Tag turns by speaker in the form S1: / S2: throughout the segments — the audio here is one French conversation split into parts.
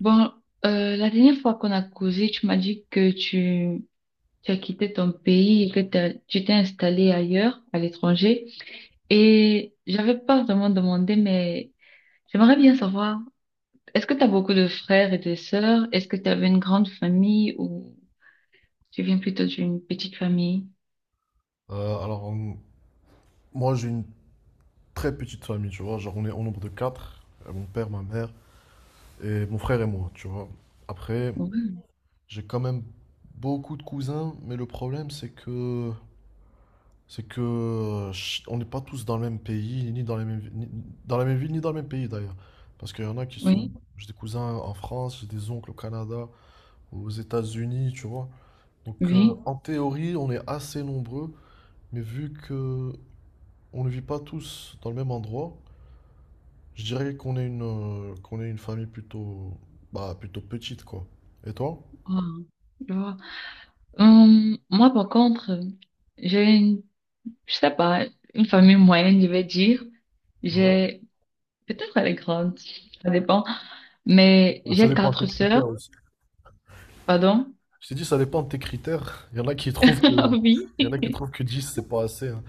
S1: Bon, la dernière fois qu'on a causé, tu m'as dit que tu as quitté ton pays et que tu t'es installé ailleurs, à l'étranger. Et j'avais pas vraiment demandé, mais j'aimerais bien savoir, est-ce que tu as beaucoup de frères et de sœurs? Est-ce que tu avais une grande famille ou tu viens plutôt d'une petite famille?
S2: Alors, moi, j'ai une très petite famille, tu vois. Genre, on est au nombre de quatre. Mon père, ma mère et mon frère et moi, tu vois. Après,
S1: Oui,
S2: j'ai quand même beaucoup de cousins, mais le problème, on n'est pas tous dans le même pays, ni dans les mêmes vi- ni- dans la même ville, ni dans le même pays d'ailleurs. Parce qu'il y en a qui sont,
S1: oui,
S2: j'ai des cousins en France, j'ai des oncles au Canada, aux États-Unis, tu vois. Donc,
S1: oui.
S2: en théorie, on est assez nombreux, mais vu que on ne vit pas tous dans le même endroit. Je dirais qu'on est qu'on est une famille plutôt, bah, plutôt petite, quoi. Et toi?
S1: Ah, je vois. Moi, par contre, j'ai une, je sais pas, une famille moyenne, je vais dire.
S2: Ouais.
S1: J'ai Peut-être elle est grande, ça dépend. Mais
S2: Bah, ça
S1: j'ai
S2: dépend de tes
S1: quatre sœurs,
S2: critères aussi.
S1: pardon.
S2: Je t'ai dit, ça dépend de tes critères. Il y en a qui trouvent que, il y en
S1: Oui.
S2: a qui trouvent que 10 c'est pas assez, hein.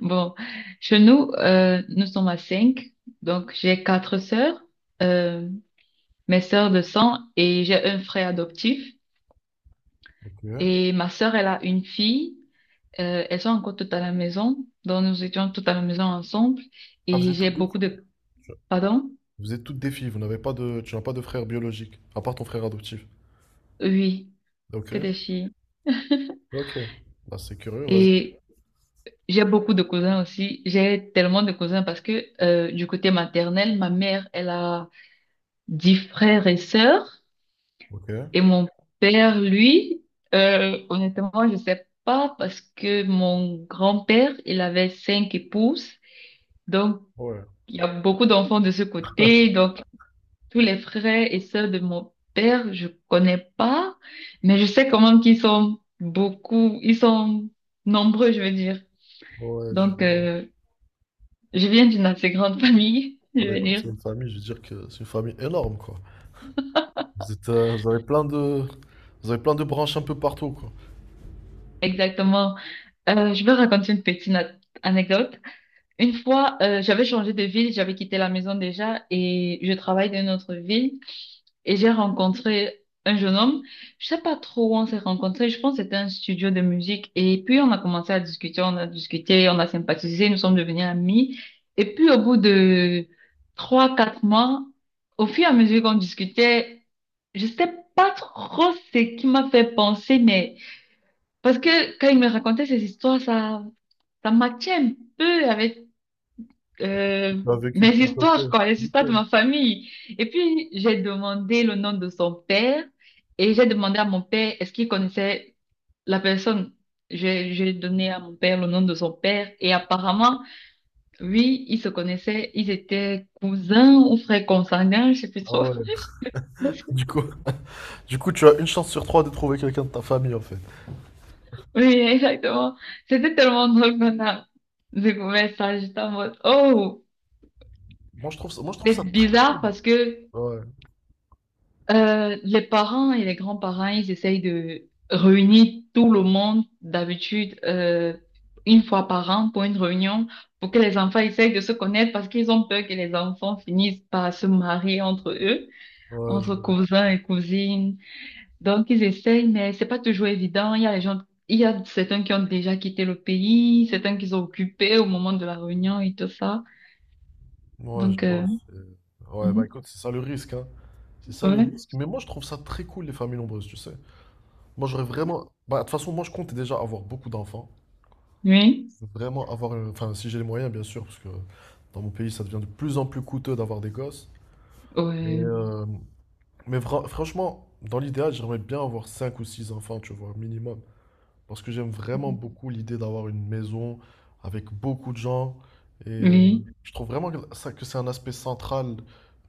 S1: Bon, chez nous, nous sommes à cinq. Donc j'ai quatre sœurs, euh, mes sœurs de sang et j'ai un frère adoptif.
S2: Ok.
S1: Et ma sœur, elle a une fille. Elles sont encore toutes à la maison. Donc nous étions toutes à la maison ensemble.
S2: Ah, vous
S1: Et
S2: êtes
S1: j'ai
S2: toutes des
S1: beaucoup
S2: filles.
S1: de... Pardon?
S2: Vous êtes toutes des filles. Vous n'avez pas de, tu n'as pas de frère biologique, à part ton frère adoptif.
S1: Oui,
S2: Ok.
S1: que des filles.
S2: Ok. Bah, c'est curieux, vas-y.
S1: Et j'ai beaucoup de cousins aussi. J'ai tellement de cousins parce que du côté maternel, ma mère, elle a 10 frères et sœurs.
S2: Ok.
S1: Et mon père, lui, honnêtement, je sais pas parce que mon grand-père, il avait cinq épouses. Donc,
S2: Ouais.
S1: il y a beaucoup d'enfants de ce côté. Donc, tous les frères et sœurs de mon père, je connais pas. Mais je sais quand même qu'ils sont beaucoup, ils sont nombreux, je veux dire.
S2: Ouais, je
S1: Donc,
S2: vois.
S1: Je viens d'une assez grande famille,
S2: Ah
S1: je
S2: bah
S1: veux
S2: écoute, c'est
S1: dire.
S2: une famille, je veux dire que c'est une famille énorme, quoi. Vous avez plein de branches un peu partout, quoi.
S1: Exactement. Je vais raconter une petite anecdote. Une fois, j'avais changé de ville, j'avais quitté la maison déjà et je travaille dans une autre ville. Et j'ai rencontré un jeune homme. Je sais pas trop où on s'est rencontrés. Je pense que c'était un studio de musique. Et puis, on a commencé à discuter, on a discuté, on a sympathisé, nous sommes devenus amis. Et puis, au bout de 3, 4 mois, au fur et à mesure qu'on discutait, je sais pas trop ce qui m'a fait penser, mais parce que quand il me racontait ces histoires, ça matchait un peu avec euh,
S2: Tu as vécu de
S1: mes
S2: ton côté.
S1: histoires, quoi, les histoires de
S2: Nickel.
S1: ma famille. Et puis, j'ai demandé le nom de son père et j'ai demandé à mon père est-ce qu'il connaissait la personne. J'ai donné à mon père le nom de son père et apparemment, oui, ils se connaissaient, ils étaient cousins ou frères consanguins, je sais plus
S2: Ah
S1: trop.
S2: ouais. Du coup, du coup, tu as une chance sur trois de trouver quelqu'un de ta famille en fait.
S1: Oui, exactement. C'était tellement drôle qu'on a découvert ça, j'étais en mode, oh,
S2: Moi je trouve ça, moi je trouve
S1: c'est
S2: ça très.
S1: bizarre parce que
S2: Ouais,
S1: Les parents et les grands-parents, ils essayent de réunir tout le monde d'habitude une fois par an pour une réunion pour que les enfants essayent de se connaître parce qu'ils ont peur que les enfants finissent par se marier entre eux,
S2: ouais,
S1: entre cousins et cousines. Donc ils essayent, mais c'est pas toujours évident. Il y a les gens, il y a certains qui ont déjà quitté le pays, certains qui sont occupés au moment de la réunion et tout ça.
S2: je
S1: Donc
S2: vois, Ouais, bah
S1: mhm.
S2: écoute, c'est ça le risque, hein. C'est ça le
S1: Ouais,
S2: risque. Mais moi je trouve ça très cool les familles nombreuses, tu sais. Moi j'aurais vraiment. Bah de toute façon, moi je compte déjà avoir beaucoup d'enfants.
S1: oui,
S2: Je veux vraiment avoir. Enfin, si j'ai les moyens, bien sûr, parce que dans mon pays ça devient de plus en plus coûteux d'avoir des gosses. Et,
S1: ouais,
S2: euh, Mais franchement, dans l'idéal, j'aimerais bien avoir 5 ou 6 enfants, tu vois, minimum. Parce que j'aime vraiment beaucoup l'idée d'avoir une maison avec beaucoup de gens.
S1: oui.
S2: Mhm. Je trouve vraiment que ça, que c'est un aspect central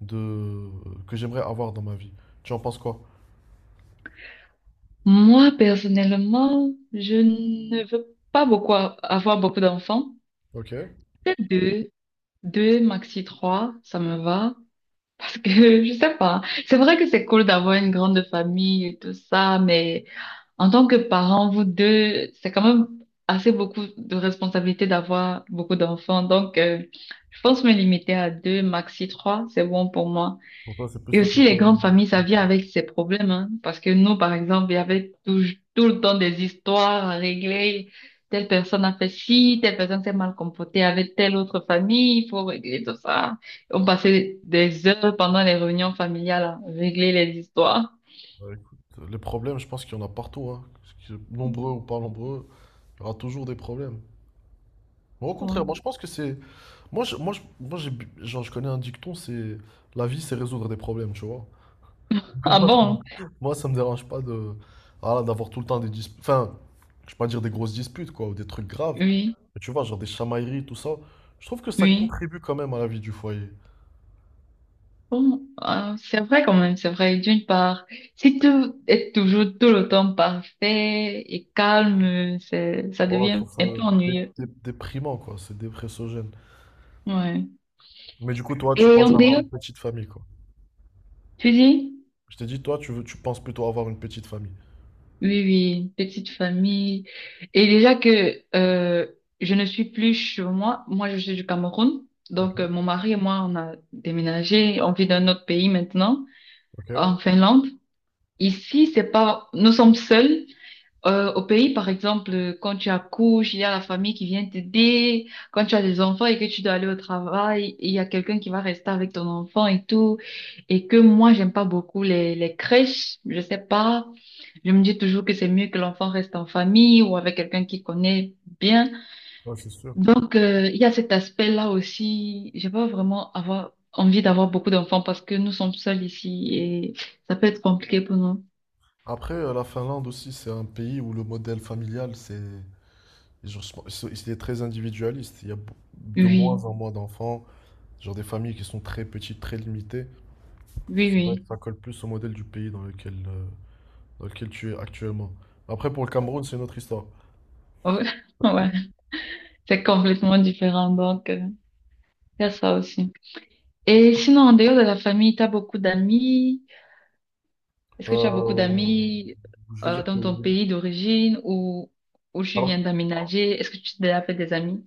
S2: de, que j'aimerais avoir dans ma vie. Tu en penses quoi?
S1: Moi, personnellement, je ne veux pas beaucoup avoir beaucoup d'enfants.
S2: Ok.
S1: Peut-être deux, deux, maxi trois, ça me va. Parce que, je sais pas. C'est vrai que c'est cool d'avoir une grande famille et tout ça, mais en tant que parent, vous deux, c'est quand même assez beaucoup de responsabilité d'avoir beaucoup d'enfants. Donc, je pense me limiter à deux, maxi trois, c'est bon pour moi.
S2: Pour toi, c'est plus
S1: Et
S2: le
S1: aussi,
S2: côté.
S1: les grandes familles, ça vient avec ses problèmes, hein. Parce que nous, par exemple, il y avait tout le temps des histoires à régler. Telle personne a fait ci, telle personne s'est mal comportée avec telle autre famille, il faut régler tout ça. On passait des heures pendant les réunions familiales à régler les histoires.
S2: Bah, écoute, les problèmes, je pense qu'il y en a partout, hein. Nombreux ou pas nombreux, il y aura toujours des problèmes. Mais au contraire, moi
S1: Bon.
S2: je pense que c'est. Moi j'ai, genre, je connais un dicton, c'est. La vie, c'est résoudre des problèmes, tu vois.
S1: Ah
S2: Comment.
S1: bon?
S2: Moi, ça me dérange pas de voilà, d'avoir tout le temps des disputes. Enfin, je vais pas dire des grosses disputes, quoi, ou des trucs graves.
S1: Oui,
S2: Mais tu vois, genre des chamailleries, tout ça. Je trouve que ça
S1: oui.
S2: contribue quand même à la vie du foyer.
S1: Bon, ah, c'est vrai quand même, c'est vrai. D'une part, si tout est toujours tout le temps parfait et calme, c'est, ça
S2: Oh, je
S1: devient
S2: trouve ça
S1: un peu ennuyeux.
S2: déprimant, quoi. C'est dépressogène.
S1: Ouais.
S2: Mais du coup, toi, tu
S1: Et en
S2: penses avoir
S1: dehors,
S2: une petite famille, quoi.
S1: tu dis?
S2: Je t'ai dit, toi, tu penses plutôt avoir une petite famille.
S1: Oui, oui, petite famille. Et déjà que je ne suis plus chez moi, moi je suis du Cameroun,
S2: Ok.
S1: donc mon mari et moi on a déménagé, on vit dans un autre pays maintenant,
S2: Ok.
S1: en Finlande. Ici, c'est pas, nous sommes seuls. Au pays, par exemple, quand tu accouches, il y a la famille qui vient t'aider. Quand tu as des enfants et que tu dois aller au travail, il y a quelqu'un qui va rester avec ton enfant et tout. Et que moi, j'aime pas beaucoup les crèches. Je sais pas. Je me dis toujours que c'est mieux que l'enfant reste en famille ou avec quelqu'un qui connaît bien.
S2: Ouais, c'est sûr.
S1: Donc, il y a cet aspect-là aussi. J'ai pas vraiment avoir envie d'avoir beaucoup d'enfants parce que nous sommes seuls ici et ça peut être compliqué pour nous.
S2: Après, la Finlande aussi, c'est un pays où le modèle familial, c'est. Genre, c'est très individualiste. Il y a de moins
S1: Oui,
S2: en moins d'enfants. Genre des familles qui sont très petites, très limitées.
S1: oui,
S2: C'est vrai que
S1: oui.
S2: ça colle plus au modèle du pays dans lequel tu es actuellement. Après, pour le Cameroun, c'est une autre histoire.
S1: Ouais. C'est complètement différent, donc il y a ça aussi. Et sinon, en dehors de la famille, tu as beaucoup d'amis. Est-ce que tu as beaucoup
S2: Euh,
S1: d'amis
S2: je vais dire que
S1: dans ton
S2: oui.
S1: pays d'origine ou où tu
S2: Alors,
S1: viens d'aménager? Est-ce que tu t'es déjà fait des amis?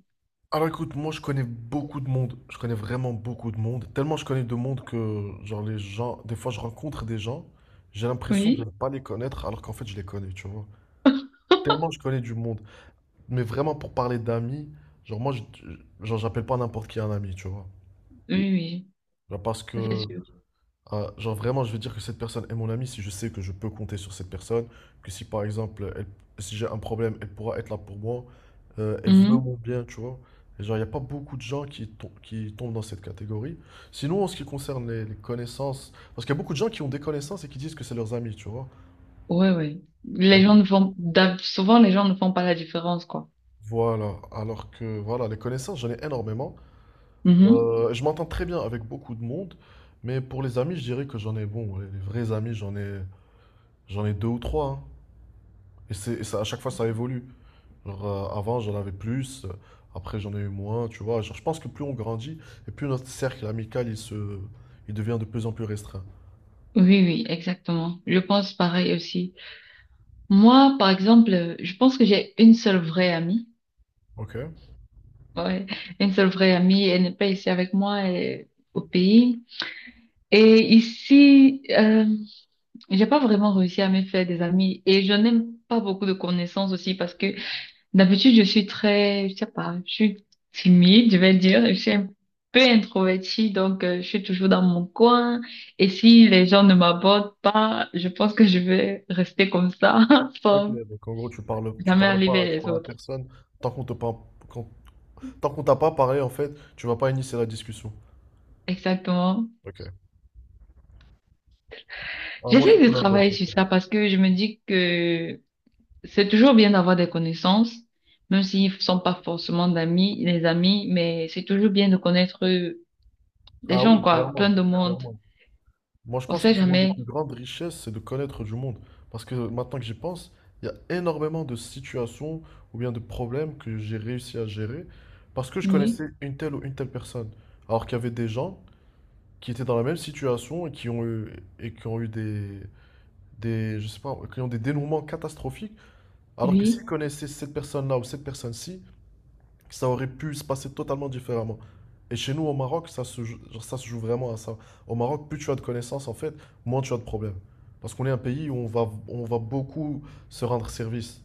S2: alors, écoute, moi je connais beaucoup de monde. Je connais vraiment beaucoup de monde. Tellement je connais de monde que, genre, les gens, des fois je rencontre des gens, j'ai l'impression de
S1: Oui.
S2: ne pas les connaître alors qu'en fait je les connais, tu vois. Tellement je connais du monde. Mais vraiment, pour parler d'amis, genre, genre, j'appelle pas n'importe qui un ami, tu vois.
S1: Oui, oui,
S2: Genre, parce
S1: ça c'est
S2: que.
S1: sûr.
S2: Ah, genre vraiment, je vais dire que cette personne est mon amie si je sais que je peux compter sur cette personne, que si par exemple, si j'ai un problème, elle pourra être là pour moi, elle veut mon
S1: Mhm.
S2: bien, tu vois. Et genre, il n'y a pas beaucoup de gens qui tombent dans cette catégorie. Sinon, en ce qui concerne les connaissances, parce qu'il y a beaucoup de gens qui ont des connaissances et qui disent que c'est leurs amis, tu vois.
S1: Ouais, ouais.
S2: Il y a
S1: Les gens
S2: beaucoup-
S1: ne font, souvent les gens ne font pas la différence, quoi.
S2: Voilà, alors que voilà, les connaissances, j'en ai énormément.
S1: Mhm.
S2: Je m'entends très bien avec beaucoup de monde, mais pour les amis, je dirais que j'en ai, bon, ouais, les vrais amis, j'en ai deux ou trois, hein. Et c'est et ça, à chaque fois, ça évolue. Genre, avant, j'en avais plus, après, j'en ai eu moins, tu vois. Genre, je pense que plus on grandit, et plus notre cercle amical, il devient de plus en plus restreint.
S1: Oui, oui, exactement. Je pense pareil aussi. Moi, par exemple, je pense que j'ai une seule vraie amie.
S2: Ok.
S1: Ouais, une seule vraie amie, elle n'est pas ici avec moi, elle est au pays. Et ici, j'ai pas vraiment réussi à me faire des amis et je n'aime pas beaucoup de connaissances aussi parce que d'habitude je suis très, je sais pas, je suis timide, je vais dire, je suis un peu introvertie donc je suis toujours dans mon coin et si les gens ne m'abordent pas, je pense que je vais rester comme ça
S2: Ok,
S1: sans
S2: donc en gros, tu
S1: jamais
S2: parles
S1: aller
S2: pas,
S1: vers
S2: tu
S1: les
S2: parles à
S1: autres.
S2: personne. Tant qu'on te par- quand- tant qu'on t'a pas parlé, en fait, tu vas pas initier la discussion.
S1: Exactement.
S2: Ok. Ah, moi, c'est
S1: J'essaie de
S2: tout l'inverse,
S1: travailler
S2: en
S1: sur
S2: fait.
S1: ça parce que je me dis que c'est toujours bien d'avoir des connaissances, même s'ils ne sont pas forcément d'amis, les amis, mais c'est toujours bien de connaître des
S2: Ah
S1: gens,
S2: oui,
S1: quoi, plein
S2: clairement,
S1: de monde.
S2: clairement. Moi, je
S1: On
S2: pense que
S1: sait
S2: c'est l'une des plus
S1: jamais.
S2: grandes richesses, c'est de connaître du monde. Parce que maintenant que j'y pense, il y a énormément de situations ou bien de problèmes que j'ai réussi à gérer parce que je
S1: Oui,
S2: connaissais une telle ou une telle personne. Alors qu'il y avait des gens qui étaient dans la même situation et qui ont eu je sais pas, qui ont des dénouements catastrophiques. Alors que s'ils
S1: oui,
S2: connaissaient cette personne-là ou cette personne-ci, ça aurait pu se passer totalement différemment. Et chez nous, au Maroc, genre, ça se joue vraiment à ça. Au Maroc, plus tu as de connaissances, en fait, moins tu as de problèmes. Parce qu'on est un pays où on va beaucoup se rendre service.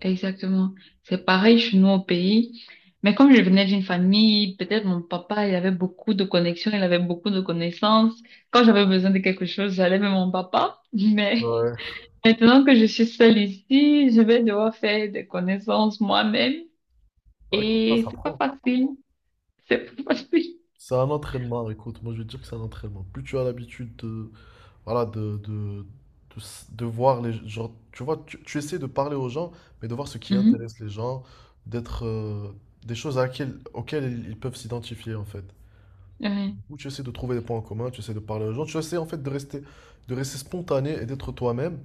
S1: exactement. C'est pareil chez nous au pays. Mais comme je venais d'une famille, peut-être mon papa, il avait beaucoup de connexions, il avait beaucoup de connaissances. Quand j'avais besoin de quelque chose, j'allais vers mon papa. Mais
S2: Ouais.
S1: maintenant que je suis seule ici, je vais devoir faire des connaissances moi-même.
S2: Bah écoute, ça,
S1: Et
S2: ça
S1: c'est pas
S2: prend.
S1: facile. C'est facile.
S2: C'est un entraînement, écoute, moi je vais te dire que c'est un entraînement. Plus tu as l'habitude de, voilà, de voir les gens, tu vois, tu essaies de parler aux gens, mais de voir ce qui
S1: Mhm.
S2: intéresse les gens, d'être, des choses auxquelles ils peuvent s'identifier en fait.
S1: Ouais,
S2: Où tu essaies de trouver des points en commun, tu essaies de parler aux gens, tu essaies en fait de rester, spontané et d'être toi-même.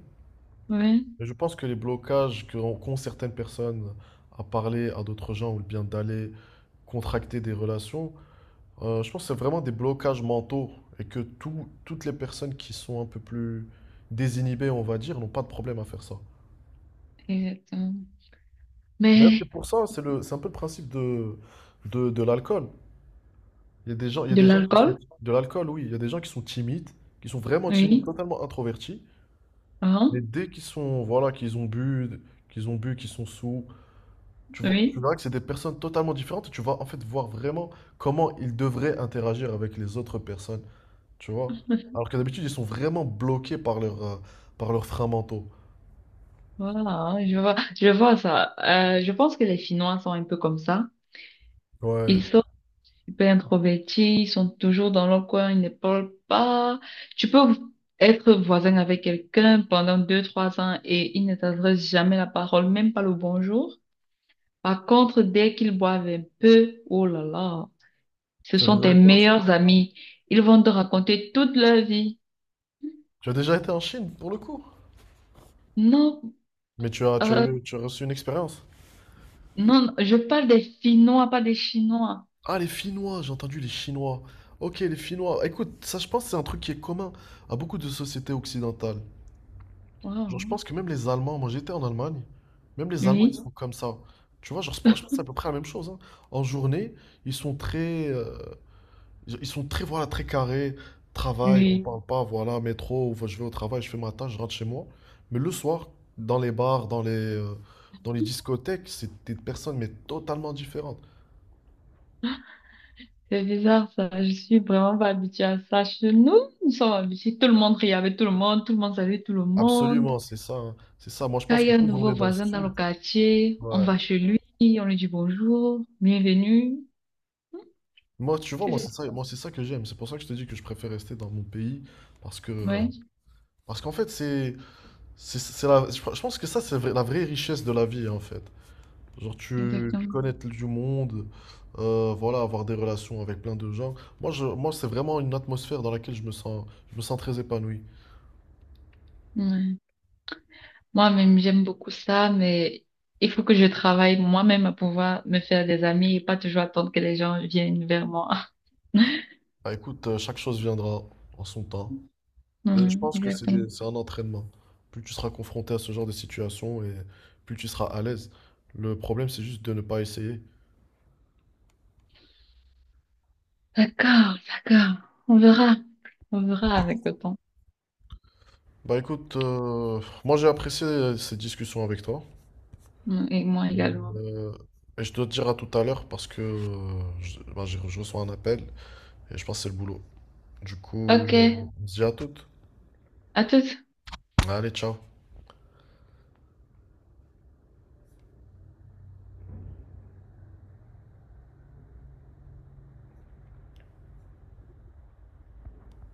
S1: ouais,
S2: Et je pense que les blocages qu'ont certaines personnes à parler à d'autres gens ou bien d'aller contracter des relations, je pense que c'est vraiment des blocages mentaux et que toutes les personnes qui sont un peu plus désinhibées, on va dire, n'ont pas de problème à faire ça.
S1: exactement.
S2: D'ailleurs, c'est
S1: Mais
S2: pour ça, c'est le, c'est un peu le principe de, de l'alcool. Il y a des gens, il y a
S1: de
S2: des gens qui sont,
S1: l'alcool?
S2: de l'alcool, oui, il y a des gens qui sont timides, qui sont vraiment timides,
S1: Oui.
S2: totalement introvertis. Mais
S1: Hein?
S2: dès qu'ils sont, voilà, qu'ils ont bu, qu'ils sont sous, tu vois, tu
S1: Oui.
S2: verras que c'est des personnes totalement différentes. Et tu vas en fait voir vraiment comment ils devraient interagir avec les autres personnes, tu vois. Alors que d'habitude, ils sont vraiment bloqués par leurs freins mentaux.
S1: Voilà, je vois ça. Je pense que les Chinois sont un peu comme ça.
S2: Ouais.
S1: Ils sont super introvertis, ils sont toujours dans leur coin, ils ne parlent pas. Tu peux être voisin avec quelqu'un pendant 2, 3 ans et ils ne t'adressent jamais la parole, même pas le bonjour. Par contre, dès qu'ils boivent un peu, oh là là. Ce
S2: Tu as
S1: sont
S2: déjà
S1: tes
S2: été en Chine?
S1: meilleurs amis. Ils vont te raconter toute leur vie.
S2: Tu as déjà été en Chine, pour le coup.
S1: Non,
S2: Mais tu as, tu as
S1: euh,
S2: eu, tu as reçu une expérience.
S1: non, je parle des Finnois, pas des Chinois.
S2: Ah, les Finnois, j'ai entendu les Chinois. Ok, les Finnois. Écoute, ça, je pense que c'est un truc qui est commun à beaucoup de sociétés occidentales. Genre, je
S1: Wow.
S2: pense que même les Allemands, moi j'étais en Allemagne, même les Allemands, ils sont
S1: Oui,
S2: comme ça. Tu vois, genre, je pense que c'est à peu près la même chose, hein. En journée, ils sont très, euh, ils sont très, voilà, très carrés. Travail, on
S1: oui.
S2: parle pas, voilà, métro, ou je vais au travail, je fais ma tâche, je rentre chez moi. Mais le soir, dans les bars, dans les discothèques, c'est des personnes, mais totalement différentes.
S1: C'est bizarre ça. Je suis vraiment pas habituée à ça. Chez nous, nous sommes habitués. Tout le monde riait avec tout le monde. Tout le monde savait tout le monde.
S2: Absolument, c'est ça, hein. C'est ça. Moi, je
S1: Quand
S2: pense
S1: il
S2: que
S1: y a un
S2: plus on est
S1: nouveau
S2: dans le
S1: voisin dans le
S2: sud,
S1: quartier, on
S2: ouais.
S1: va chez lui, on lui dit bonjour, bienvenue.
S2: Moi, tu vois,
S1: C'est
S2: moi, c'est ça,
S1: ça.
S2: moi, c'est ça que j'aime. C'est pour ça que je te dis que je préfère rester dans mon pays, parce que euh,
S1: Ouais,
S2: Parce qu'en fait, je pense que ça, la vraie richesse de la vie, en fait. Genre, tu
S1: exactement.
S2: connaître du monde, voilà, avoir des relations avec plein de gens. Moi, c'est vraiment une atmosphère dans laquelle je me sens très épanoui.
S1: Ouais. Moi-même, j'aime beaucoup ça, mais il faut que je travaille moi-même à pouvoir me faire des amis et pas toujours attendre que les gens viennent vers moi.
S2: Bah, écoute, chaque chose viendra en son temps.
S1: Ouais,
S2: Mais je pense que
S1: exactement.
S2: c'est un entraînement. Plus tu seras confronté à ce genre de situation et plus tu seras à l'aise. Le problème, c'est juste de ne pas essayer.
S1: D'accord, d'accord. On verra. On verra avec le temps.
S2: Bah écoute, moi j'ai apprécié cette discussion avec toi.
S1: Mm, et moi également.
S2: Euh, et je dois te dire à tout à l'heure parce que bah, je reçois un appel et je pense que c'est le boulot. Du coup,
S1: Ok,
S2: on se dit à toutes.
S1: à toutes.
S2: Allez, ciao.